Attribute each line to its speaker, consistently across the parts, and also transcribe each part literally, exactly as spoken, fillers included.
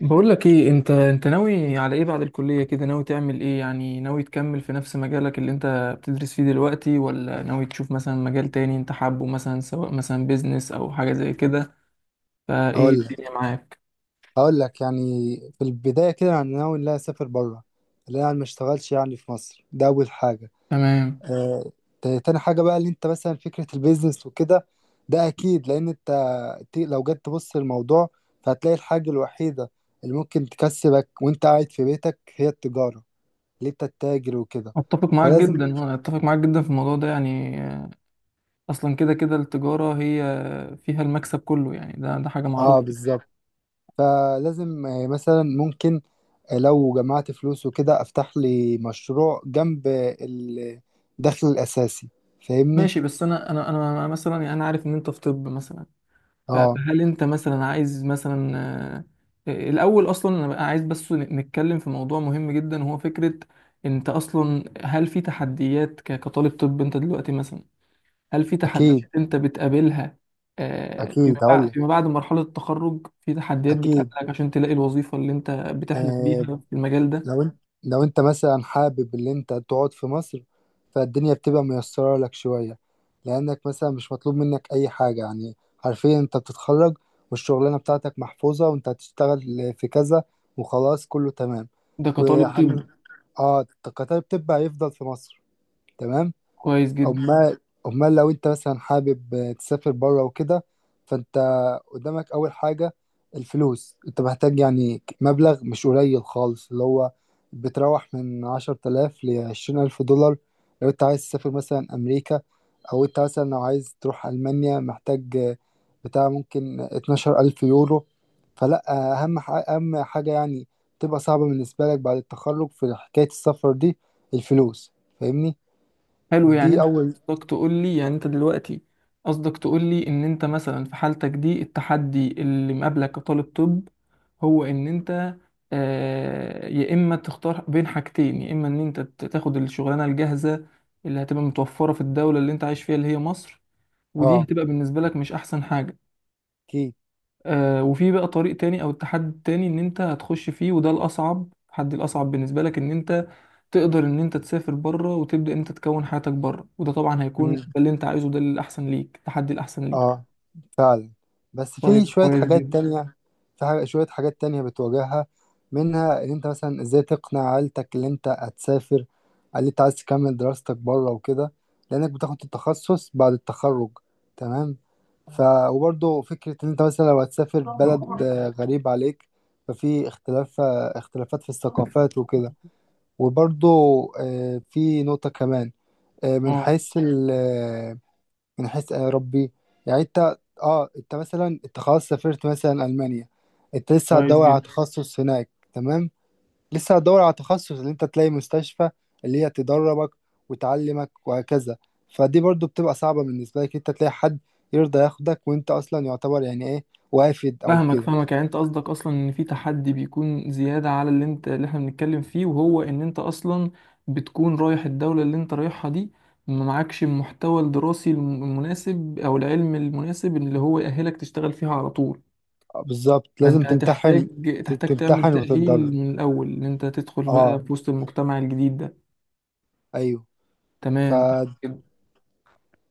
Speaker 1: بقول لك ايه، انت انت ناوي على ايه بعد الكلية؟ كده ناوي تعمل ايه يعني؟ ناوي تكمل في نفس مجالك اللي انت بتدرس فيه دلوقتي، ولا ناوي تشوف مثلا مجال تاني انت حابه، مثلا سواء مثلا بيزنس او حاجة زي كده؟ فايه
Speaker 2: هقول لك
Speaker 1: الدنيا معاك؟
Speaker 2: هقول لك يعني، في البداية كده أنا ناوي إن أنا أسافر بره، اللي أنا ما اشتغلش يعني في مصر، ده أول حاجة.
Speaker 1: تمام.
Speaker 2: آه. تا- تاني حاجة بقى، اللي أنت مثلا فكرة البيزنس وكده، ده أكيد، لأن أنت، ت- لو جيت تبص للموضوع فهتلاقي الحاجة الوحيدة اللي ممكن تكسبك وأنت قاعد في بيتك هي التجارة، اللي أنت تتاجر وكده.
Speaker 1: اتفق معاك
Speaker 2: فلازم.
Speaker 1: جدا، اه اتفق معاك جدا في الموضوع ده، يعني آه، اصلا كده كده التجارة هي فيها المكسب كله، يعني ده ده حاجة
Speaker 2: آه،
Speaker 1: معروفة.
Speaker 2: بالظبط. فلازم آه، مثلا ممكن لو جمعت فلوس وكده افتح لي مشروع جنب الدخل الاساسي. فاهمني؟
Speaker 1: ماشي بس انا انا انا مثلا، يعني انا عارف ان انت في طب مثلا. ف-
Speaker 2: اه،
Speaker 1: فهل انت مثلا عايز مثلا آه، آه، الاول، اصلا انا بقى عايز بس ن- نتكلم في موضوع مهم جدا، وهو فكرة انت اصلا، هل في تحديات ك- كطالب طب انت دلوقتي؟ مثلا هل في تحديات
Speaker 2: اكيد
Speaker 1: انت بتقابلها آه، فيما
Speaker 2: اكيد، هقول
Speaker 1: بعد،
Speaker 2: لك،
Speaker 1: فيما بعد مرحلة التخرج؟ في تحديات
Speaker 2: اكيد،
Speaker 1: بتقابلك عشان تلاقي الوظيفة اللي انت بتحلم
Speaker 2: آه.
Speaker 1: بيها في المجال ده؟
Speaker 2: لو انت لو انت مثلا حابب ان انت تقعد في مصر، فالدنيا بتبقى ميسرة لك شوية، لانك مثلا مش مطلوب منك اي حاجة، يعني حرفيا انت بتتخرج والشغلانة بتاعتك محفوظة وانت هتشتغل في كذا وخلاص كله تمام.
Speaker 1: ده كطالب طب.
Speaker 2: وحن... اه، القطار بتبقى يفضل في مصر. تمام.
Speaker 1: كويس جدا.
Speaker 2: امال امال لو انت مثلا حابب تسافر بره وكده، فانت قدامك اول حاجه الفلوس، انت محتاج يعني مبلغ مش قليل خالص، اللي هو بتروح من عشرة آلاف لعشرين ألف دولار لو انت عايز تسافر مثلا أمريكا، أو انت مثلا لو عايز تروح ألمانيا محتاج بتاع ممكن اتناشر ألف يورو. فلا، أهم ح- أهم حاجة يعني تبقى صعبة بالنسبة لك بعد التخرج في حكاية السفر دي، الفلوس. فاهمني؟
Speaker 1: حلو، يعني
Speaker 2: دي
Speaker 1: انت
Speaker 2: أول.
Speaker 1: قصدك تقول لي، يعني انت دلوقتي قصدك تقول لي ان انت مثلا في حالتك دي التحدي اللي مقابلك كطالب طب هو ان انت، آه، يا اما تختار بين حاجتين، يا اما ان انت ت- تاخد الشغلانه الجاهزه اللي هتبقى متوفره في الدوله اللي انت عايش فيها، اللي هي مصر، ودي
Speaker 2: اه،
Speaker 1: هتبقى بالنسبه لك مش احسن حاجه.
Speaker 2: اكيد.
Speaker 1: آه، وفي بقى طريق تاني او التحدي التاني ان انت هتخش فيه، وده الاصعب، التحدي الاصعب بالنسبه لك ان انت تقدر ان انت تسافر بره وتبدا انت تكون حياتك بره، وده طبعا هيكون ده
Speaker 2: مم.
Speaker 1: اللي انت عايزه، ده الاحسن ليك، التحدي الاحسن ليك.
Speaker 2: اه، فعلا، بس في
Speaker 1: طيب
Speaker 2: شوية
Speaker 1: كويس
Speaker 2: حاجات
Speaker 1: جدا.
Speaker 2: تانية. في حاجة شوية حاجات تانية بتواجهها، منها ان انت مثلا ازاي تقنع عيلتك ان انت هتسافر، ان انت عايز تكمل دراستك بره وكده، لانك بتاخد التخصص بعد التخرج. تمام. ف وبرضه فكرة ان انت مثلا لو هتسافر بلد
Speaker 1: اه.
Speaker 2: آه، غريب عليك، ففي اختلاف آه، اختلافات في الثقافات وكده. وبرضه آه، في نقطة كمان، آه، من
Speaker 1: آه،
Speaker 2: حيث من حيث آه، ربي، يعني انت، اه، انت مثلا انت خلاص سافرت مثلا المانيا، انت لسه
Speaker 1: كويس
Speaker 2: هتدور على
Speaker 1: جدا.
Speaker 2: تخصص هناك. تمام. لسه هتدور على تخصص اللي انت تلاقي مستشفى اللي هي تدربك وتعلمك وهكذا. فدي برضو بتبقى صعبة بالنسبة لك، انت تلاقي حد يرضى ياخدك وانت اصلا يعتبر يعني ايه، وافد او
Speaker 1: فاهمك
Speaker 2: كده.
Speaker 1: فاهمك، يعني انت قصدك اصلا ان في تحدي بيكون زيادة على اللي انت، اللي احنا بنتكلم فيه، وهو ان انت اصلا بتكون رايح الدولة اللي انت رايحها دي، ما معكش المحتوى الدراسي الم- المناسب او العلم المناسب اللي هو يأهلك تشتغل فيها على طول.
Speaker 2: آه، بالظبط، لازم
Speaker 1: فانت
Speaker 2: تمتحن،
Speaker 1: هتحتاج، تحتاج تعمل
Speaker 2: تمتحن
Speaker 1: تأهيل
Speaker 2: وتتدرب.
Speaker 1: من الاول ان انت تدخل بقى
Speaker 2: اه،
Speaker 1: في وسط المجتمع الجديد ده.
Speaker 2: ايوه. ف
Speaker 1: تمام كده.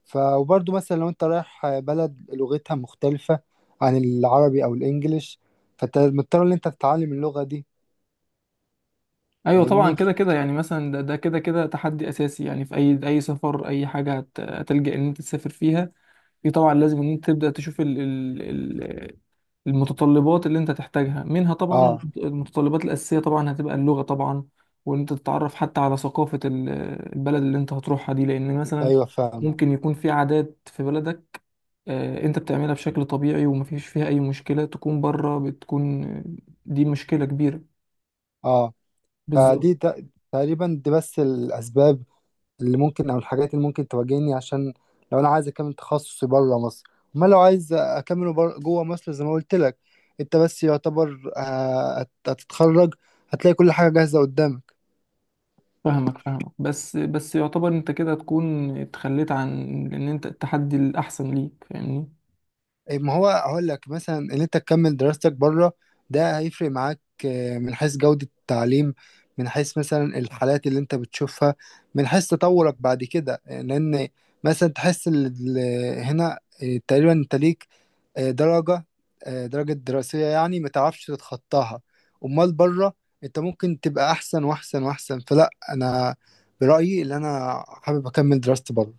Speaker 2: ف وبرضه مثلا لو انت رايح بلد لغتها مختلفة عن العربي او الانجليش، فانت مضطر ان انت تتعلم اللغة دي.
Speaker 1: ايوه طبعا،
Speaker 2: فاهمني؟
Speaker 1: كده كده يعني مثلا، ده ده كده كده تحدي اساسي يعني في اي اي سفر، اي حاجه هت- هتلجأ ان انت تسافر فيها. في طبعا لازم ان انت تبدا تشوف ال ال ال المتطلبات اللي انت تحتاجها، منها طبعا
Speaker 2: اه،
Speaker 1: المتطلبات الاساسيه، طبعا هتبقى اللغه طبعا، وان انت تتعرف حتى على ثقافه ال- البلد اللي انت هتروحها دي، لان مثلا
Speaker 2: ايوه، فاهم.
Speaker 1: ممكن يكون في عادات في بلدك آه، انت بتعملها بشكل طبيعي ومفيش فيها اي مشكله، تكون بره بتكون آه، دي مشكله كبيره.
Speaker 2: اه.
Speaker 1: بالظبط.
Speaker 2: فدي ت- تقريبا دي بس الاسباب اللي ممكن او الحاجات اللي ممكن تواجهني عشان لو انا عايز اكمل تخصصي بره مصر. امال لو عايز اكمله بر- جوه مصر زي ما قلت لك، انت بس يعتبر آه، هت- هتتخرج، هتلاقي كل حاجة جاهزة قدامك.
Speaker 1: فاهمك فاهمك، بس بس يعتبر انت كده تكون اتخليت عن ان انت التحدي الاحسن ليك، فاهمني؟
Speaker 2: إيه، ما هو هقول لك مثلا ان انت تكمل دراستك بره، ده هيفرق معاك آه، من حيث جودة التعليم، من حيث مثلا الحالات اللي انت بتشوفها، من حيث تطورك بعد كده، آه، لان مثلا تحس ال- ال- هنا آه، تقريبا انت ليك آه، درجة آه، درجة دراسية يعني ما تعرفش تتخطاها. امال بره انت ممكن تبقى احسن واحسن واحسن، فلا انا برأيي اللي انا حابب اكمل دراستي بره.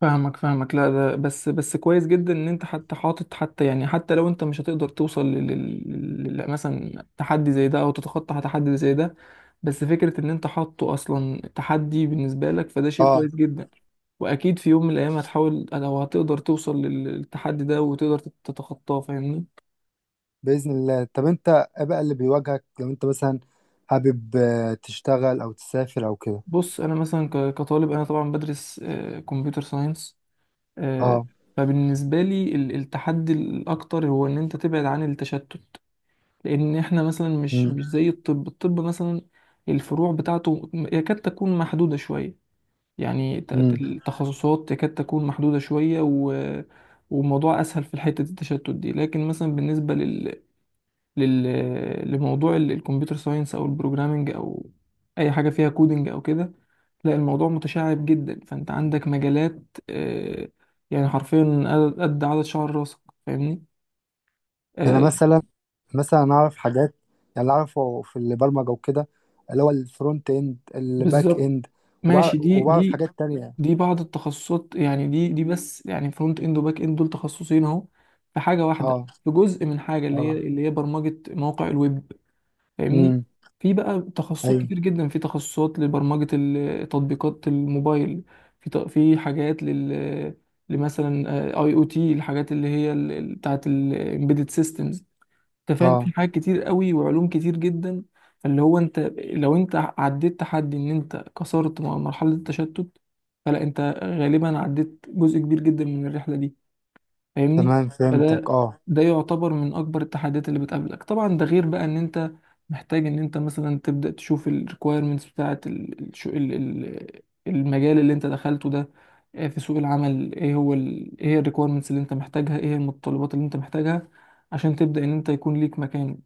Speaker 1: فاهمك فاهمك. لا ده بس، بس كويس جدا ان انت حتى حاطط، حتى يعني، حتى لو انت مش هتقدر توصل لل... لل... لل- مثلا تحدي زي ده، او تتخطى تحدي زي ده، بس فكرة ان انت حاطه اصلا تحدي بالنسبة لك فده شيء
Speaker 2: اه،
Speaker 1: كويس جدا، واكيد في يوم من الايام هتحاول، لو هتقدر توصل لل- للتحدي ده، وتقدر تت- تتخطاه، فاهمني؟
Speaker 2: بإذن الله. طب انت ايه بقى اللي بيواجهك لو انت مثلا حابب آه، تشتغل او تسافر او كده؟
Speaker 1: بص، انا مثلا ك- كطالب انا طبعا بدرس آه، كمبيوتر ساينس، آه،
Speaker 2: اه.
Speaker 1: فبالنسبة لي ال- التحدي الاكتر هو ان انت تبعد عن التشتت، لان احنا مثلا مش
Speaker 2: امم
Speaker 1: مش زي الطب، الطب مثلا الفروع بتاعته يكاد تكون محدودة شوية، يعني ت- ت-
Speaker 2: امم
Speaker 1: التخصصات يكاد تكون محدودة شوية و... وموضوع اسهل في حتة التشتت دي. لكن مثلا بالنسبة لل... لل... لموضوع ال- الكمبيوتر ساينس او البروجرامينج او اي حاجة فيها كودينج او كده، لا الموضوع متشعب جدا، فانت عندك مجالات آه، يعني حرفيا قد قد عدد شعر راسك، فاهمني؟
Speaker 2: انا
Speaker 1: آه،
Speaker 2: مثلا مثلا انا اعرف حاجات، يعني اللي اعرفه في البرمجة وكده، اللي هو الفرونت اند الباك
Speaker 1: بالظبط.
Speaker 2: اند. وبعرف,
Speaker 1: ماشي دي
Speaker 2: وبعرف
Speaker 1: دي
Speaker 2: حاجات تانية.
Speaker 1: دي بعض التخصصات، يعني دي دي بس، يعني فرونت اند وباك اند دول تخصصين اهو، في حاجه واحده،
Speaker 2: اه.
Speaker 1: في جزء من حاجه اللي هي،
Speaker 2: اه.
Speaker 1: اللي هي برمجه مواقع الويب، فاهمني؟
Speaker 2: امم.
Speaker 1: في بقى تخصصات
Speaker 2: ايوه.
Speaker 1: كتير جدا، في تخصصات لبرمجه ال- تطبيقات الموبايل، في ت- في حاجات لل لمثلا اي او تي، الحاجات اللي هي ال- ال- بتاعت الامبيدد systems، انت فاهم؟
Speaker 2: اه،
Speaker 1: في حاجات كتير قوي وعلوم كتير جدا. فاللي هو انت، لو انت عديت تحدي ان انت كسرت م- مرحلة التشتت، فلا انت غالبا عديت جزء كبير جدا من الرحلة دي، فاهمني؟
Speaker 2: تمام فهمتك.
Speaker 1: فده
Speaker 2: اه.
Speaker 1: ده يعتبر من اكبر التحديات اللي بتقابلك. طبعا ده غير بقى ان انت محتاج ان انت مثلا تبدا تشوف الريكويرمنتس بتاعه ال- الش- ال- ال- المجال اللي انت دخلته ده آه، في سوق العمل، ايه هو ال... ايه هي الريكويرمنتس اللي انت محتاجها، ايه هي المتطلبات اللي انت محتاجها عشان تبدا ان انت يكون ليك مكان.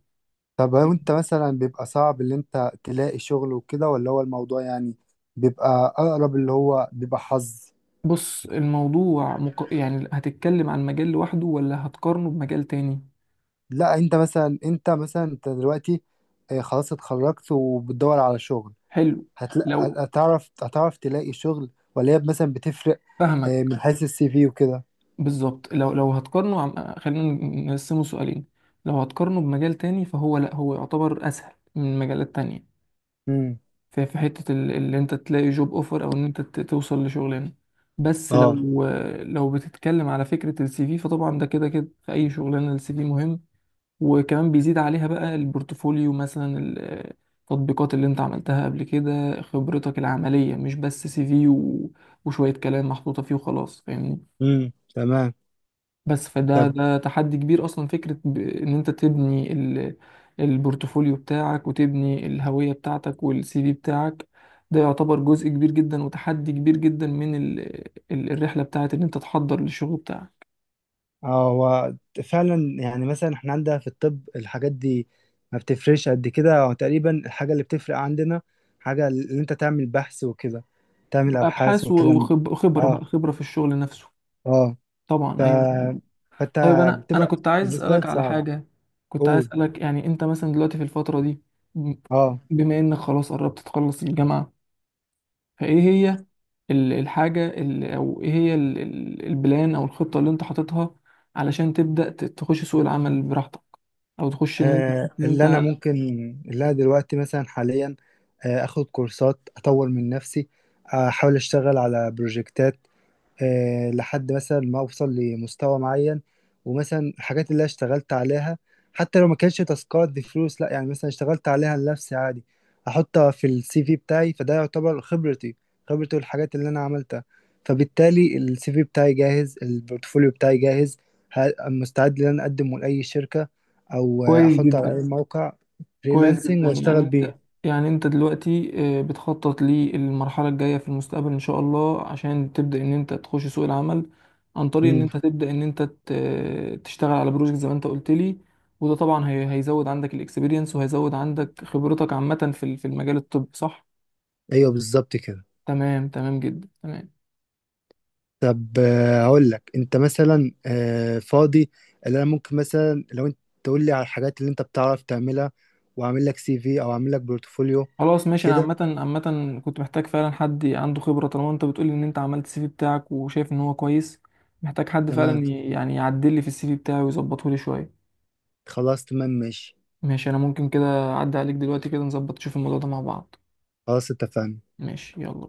Speaker 2: طب لو انت مثلا بيبقى صعب اللي انت تلاقي شغل وكده، ولا هو الموضوع يعني بيبقى اقرب اللي هو بيبقى حظ؟
Speaker 1: بص الموضوع مق... يعني هتتكلم عن مجال لوحده ولا هتقارنه بمجال تاني؟
Speaker 2: لا، انت مثلا انت مثلا انت دلوقتي آه، خلاص اتخرجت وبتدور على شغل،
Speaker 1: حلو.
Speaker 2: هتلاقي،
Speaker 1: لو
Speaker 2: هتعرف هتعرف تلاقي شغل، ولا هي مثلا بتفرق
Speaker 1: فاهمك.
Speaker 2: آه، من حيث السي في وكده؟
Speaker 1: بالظبط، لو لو هتقارنه عم... خلينا نقسمه سؤالين. لو هتقارنه بمجال تاني فهو، لا هو يعتبر اسهل من مجالات تانية،
Speaker 2: امم.
Speaker 1: في في حتة ال- اللي انت تلاقي جوب اوفر او ان انت ت- توصل لشغلانة. بس
Speaker 2: اه.
Speaker 1: لو لو بتتكلم على فكرة السي في فطبعا ده كده كده في اي شغلانة السي في مهم، وكمان بيزيد عليها بقى البورتفوليو، مثلا ال- التطبيقات اللي انت عملتها قبل كده، خبرتك العملية، مش بس سي في و... وشوية كلام محطوطة فيه وخلاص، فاهمني؟
Speaker 2: امم. تمام.
Speaker 1: بس فده
Speaker 2: طب.
Speaker 1: ده تحدي كبير، اصلا فكرة ب- ان انت تبني ال- البورتفوليو بتاعك وتبني الهوية بتاعتك والسي في بتاعك، ده يعتبر جزء كبير جدا وتحدي كبير جدا من ال- ال- الرحلة بتاعت ان انت تحضر للشغل بتاعك.
Speaker 2: اه، هو فعلا، يعني مثلا احنا عندنا في الطب الحاجات دي ما بتفرقش قد كده، هو تقريبا الحاجة اللي بتفرق عندنا حاجة اللي انت تعمل بحث وكده، تعمل ابحاث
Speaker 1: ابحاث و-
Speaker 2: والكلام ده.
Speaker 1: وخب- وخبرة
Speaker 2: اه.
Speaker 1: بقى، خبرة في الشغل نفسه
Speaker 2: اه. ف...
Speaker 1: طبعا، ايوه.
Speaker 2: فانت
Speaker 1: طيب انا انا
Speaker 2: بتبقى
Speaker 1: كنت عايز
Speaker 2: بالنسبة
Speaker 1: اسألك
Speaker 2: لك
Speaker 1: على
Speaker 2: صعب.
Speaker 1: حاجة. كنت عايز
Speaker 2: قول.
Speaker 1: اسألك، يعني انت مثلا دلوقتي في الفترة دي،
Speaker 2: اه.
Speaker 1: بما انك خلاص قربت تخلص الجامعة، فايه هي ال- الحاجة ال- او ايه هي ال- ال- البلان او الخطة اللي انت حاططها، علشان تبدأ ت- تخش سوق العمل براحتك، او تخش ان انت
Speaker 2: آه،
Speaker 1: ان
Speaker 2: اللي انا
Speaker 1: انت
Speaker 2: ممكن اللي انا دلوقتي مثلا حاليا آه، اخد كورسات اطور من نفسي، آه، احاول اشتغل على بروجكتات، آه، لحد مثلا ما اوصل لمستوى معين. ومثلا الحاجات اللي أنا اشتغلت عليها حتى لو ما كانش تاسكات بفلوس، لا يعني مثلا اشتغلت عليها لنفسي عادي، احطها في السي في بتاعي فده يعتبر خبرتي، خبرتي والحاجات اللي انا عملتها. فبالتالي السي في بتاعي جاهز، البورتفوليو بتاعي جاهز، ه- مستعد ان انا اقدمه لاي شركة او آه،
Speaker 1: كويس
Speaker 2: احطه على
Speaker 1: جدا،
Speaker 2: اي موقع
Speaker 1: كويس
Speaker 2: فريلانسنج
Speaker 1: جدا، يعني
Speaker 2: واشتغل
Speaker 1: انت
Speaker 2: بيه.
Speaker 1: يعني انت دلوقتي آه، بتخطط للمرحلة الجاية في المستقبل ان شاء الله، عشان تبدأ ان انت تخش سوق العمل عن طريق ان انت
Speaker 2: امم.
Speaker 1: تبدأ ان انت ت- تشتغل على بروجكت زي ما انت قلت لي، وده طبعا هي- هيزود عندك الاكسبيرينس وهيزود عندك خبرتك عامة في ال- في المجال الطبي، صح؟
Speaker 2: ايوه، بالظبط كده.
Speaker 1: تمام، تمام جدا، تمام.
Speaker 2: طب آه، هقول لك، انت مثلا آه، فاضي؟ اللي انا ممكن مثلا لو انت تقول لي على الحاجات اللي انت بتعرف تعملها، واعمل لك سي في او اعمل لك بورتفوليو.
Speaker 1: خلاص ماشي. انا
Speaker 2: كده
Speaker 1: عامه عامه كنت محتاج فعلا حد عنده خبره. طالما انت بتقولي ان انت عملت السي في بتاعك وشايف ان هو كويس، محتاج حد
Speaker 2: تمام.
Speaker 1: فعلا ي- يعني يعدل لي في السي في بتاعي ويظبطه لي شويه.
Speaker 2: خلاص، تمام، ماشي.
Speaker 1: ماشي. انا ممكن كده اعدي عليك دلوقتي كده، نظبط نشوف الموضوع ده مع بعض.
Speaker 2: خلاص، اتفقنا.
Speaker 1: ماشي يلا.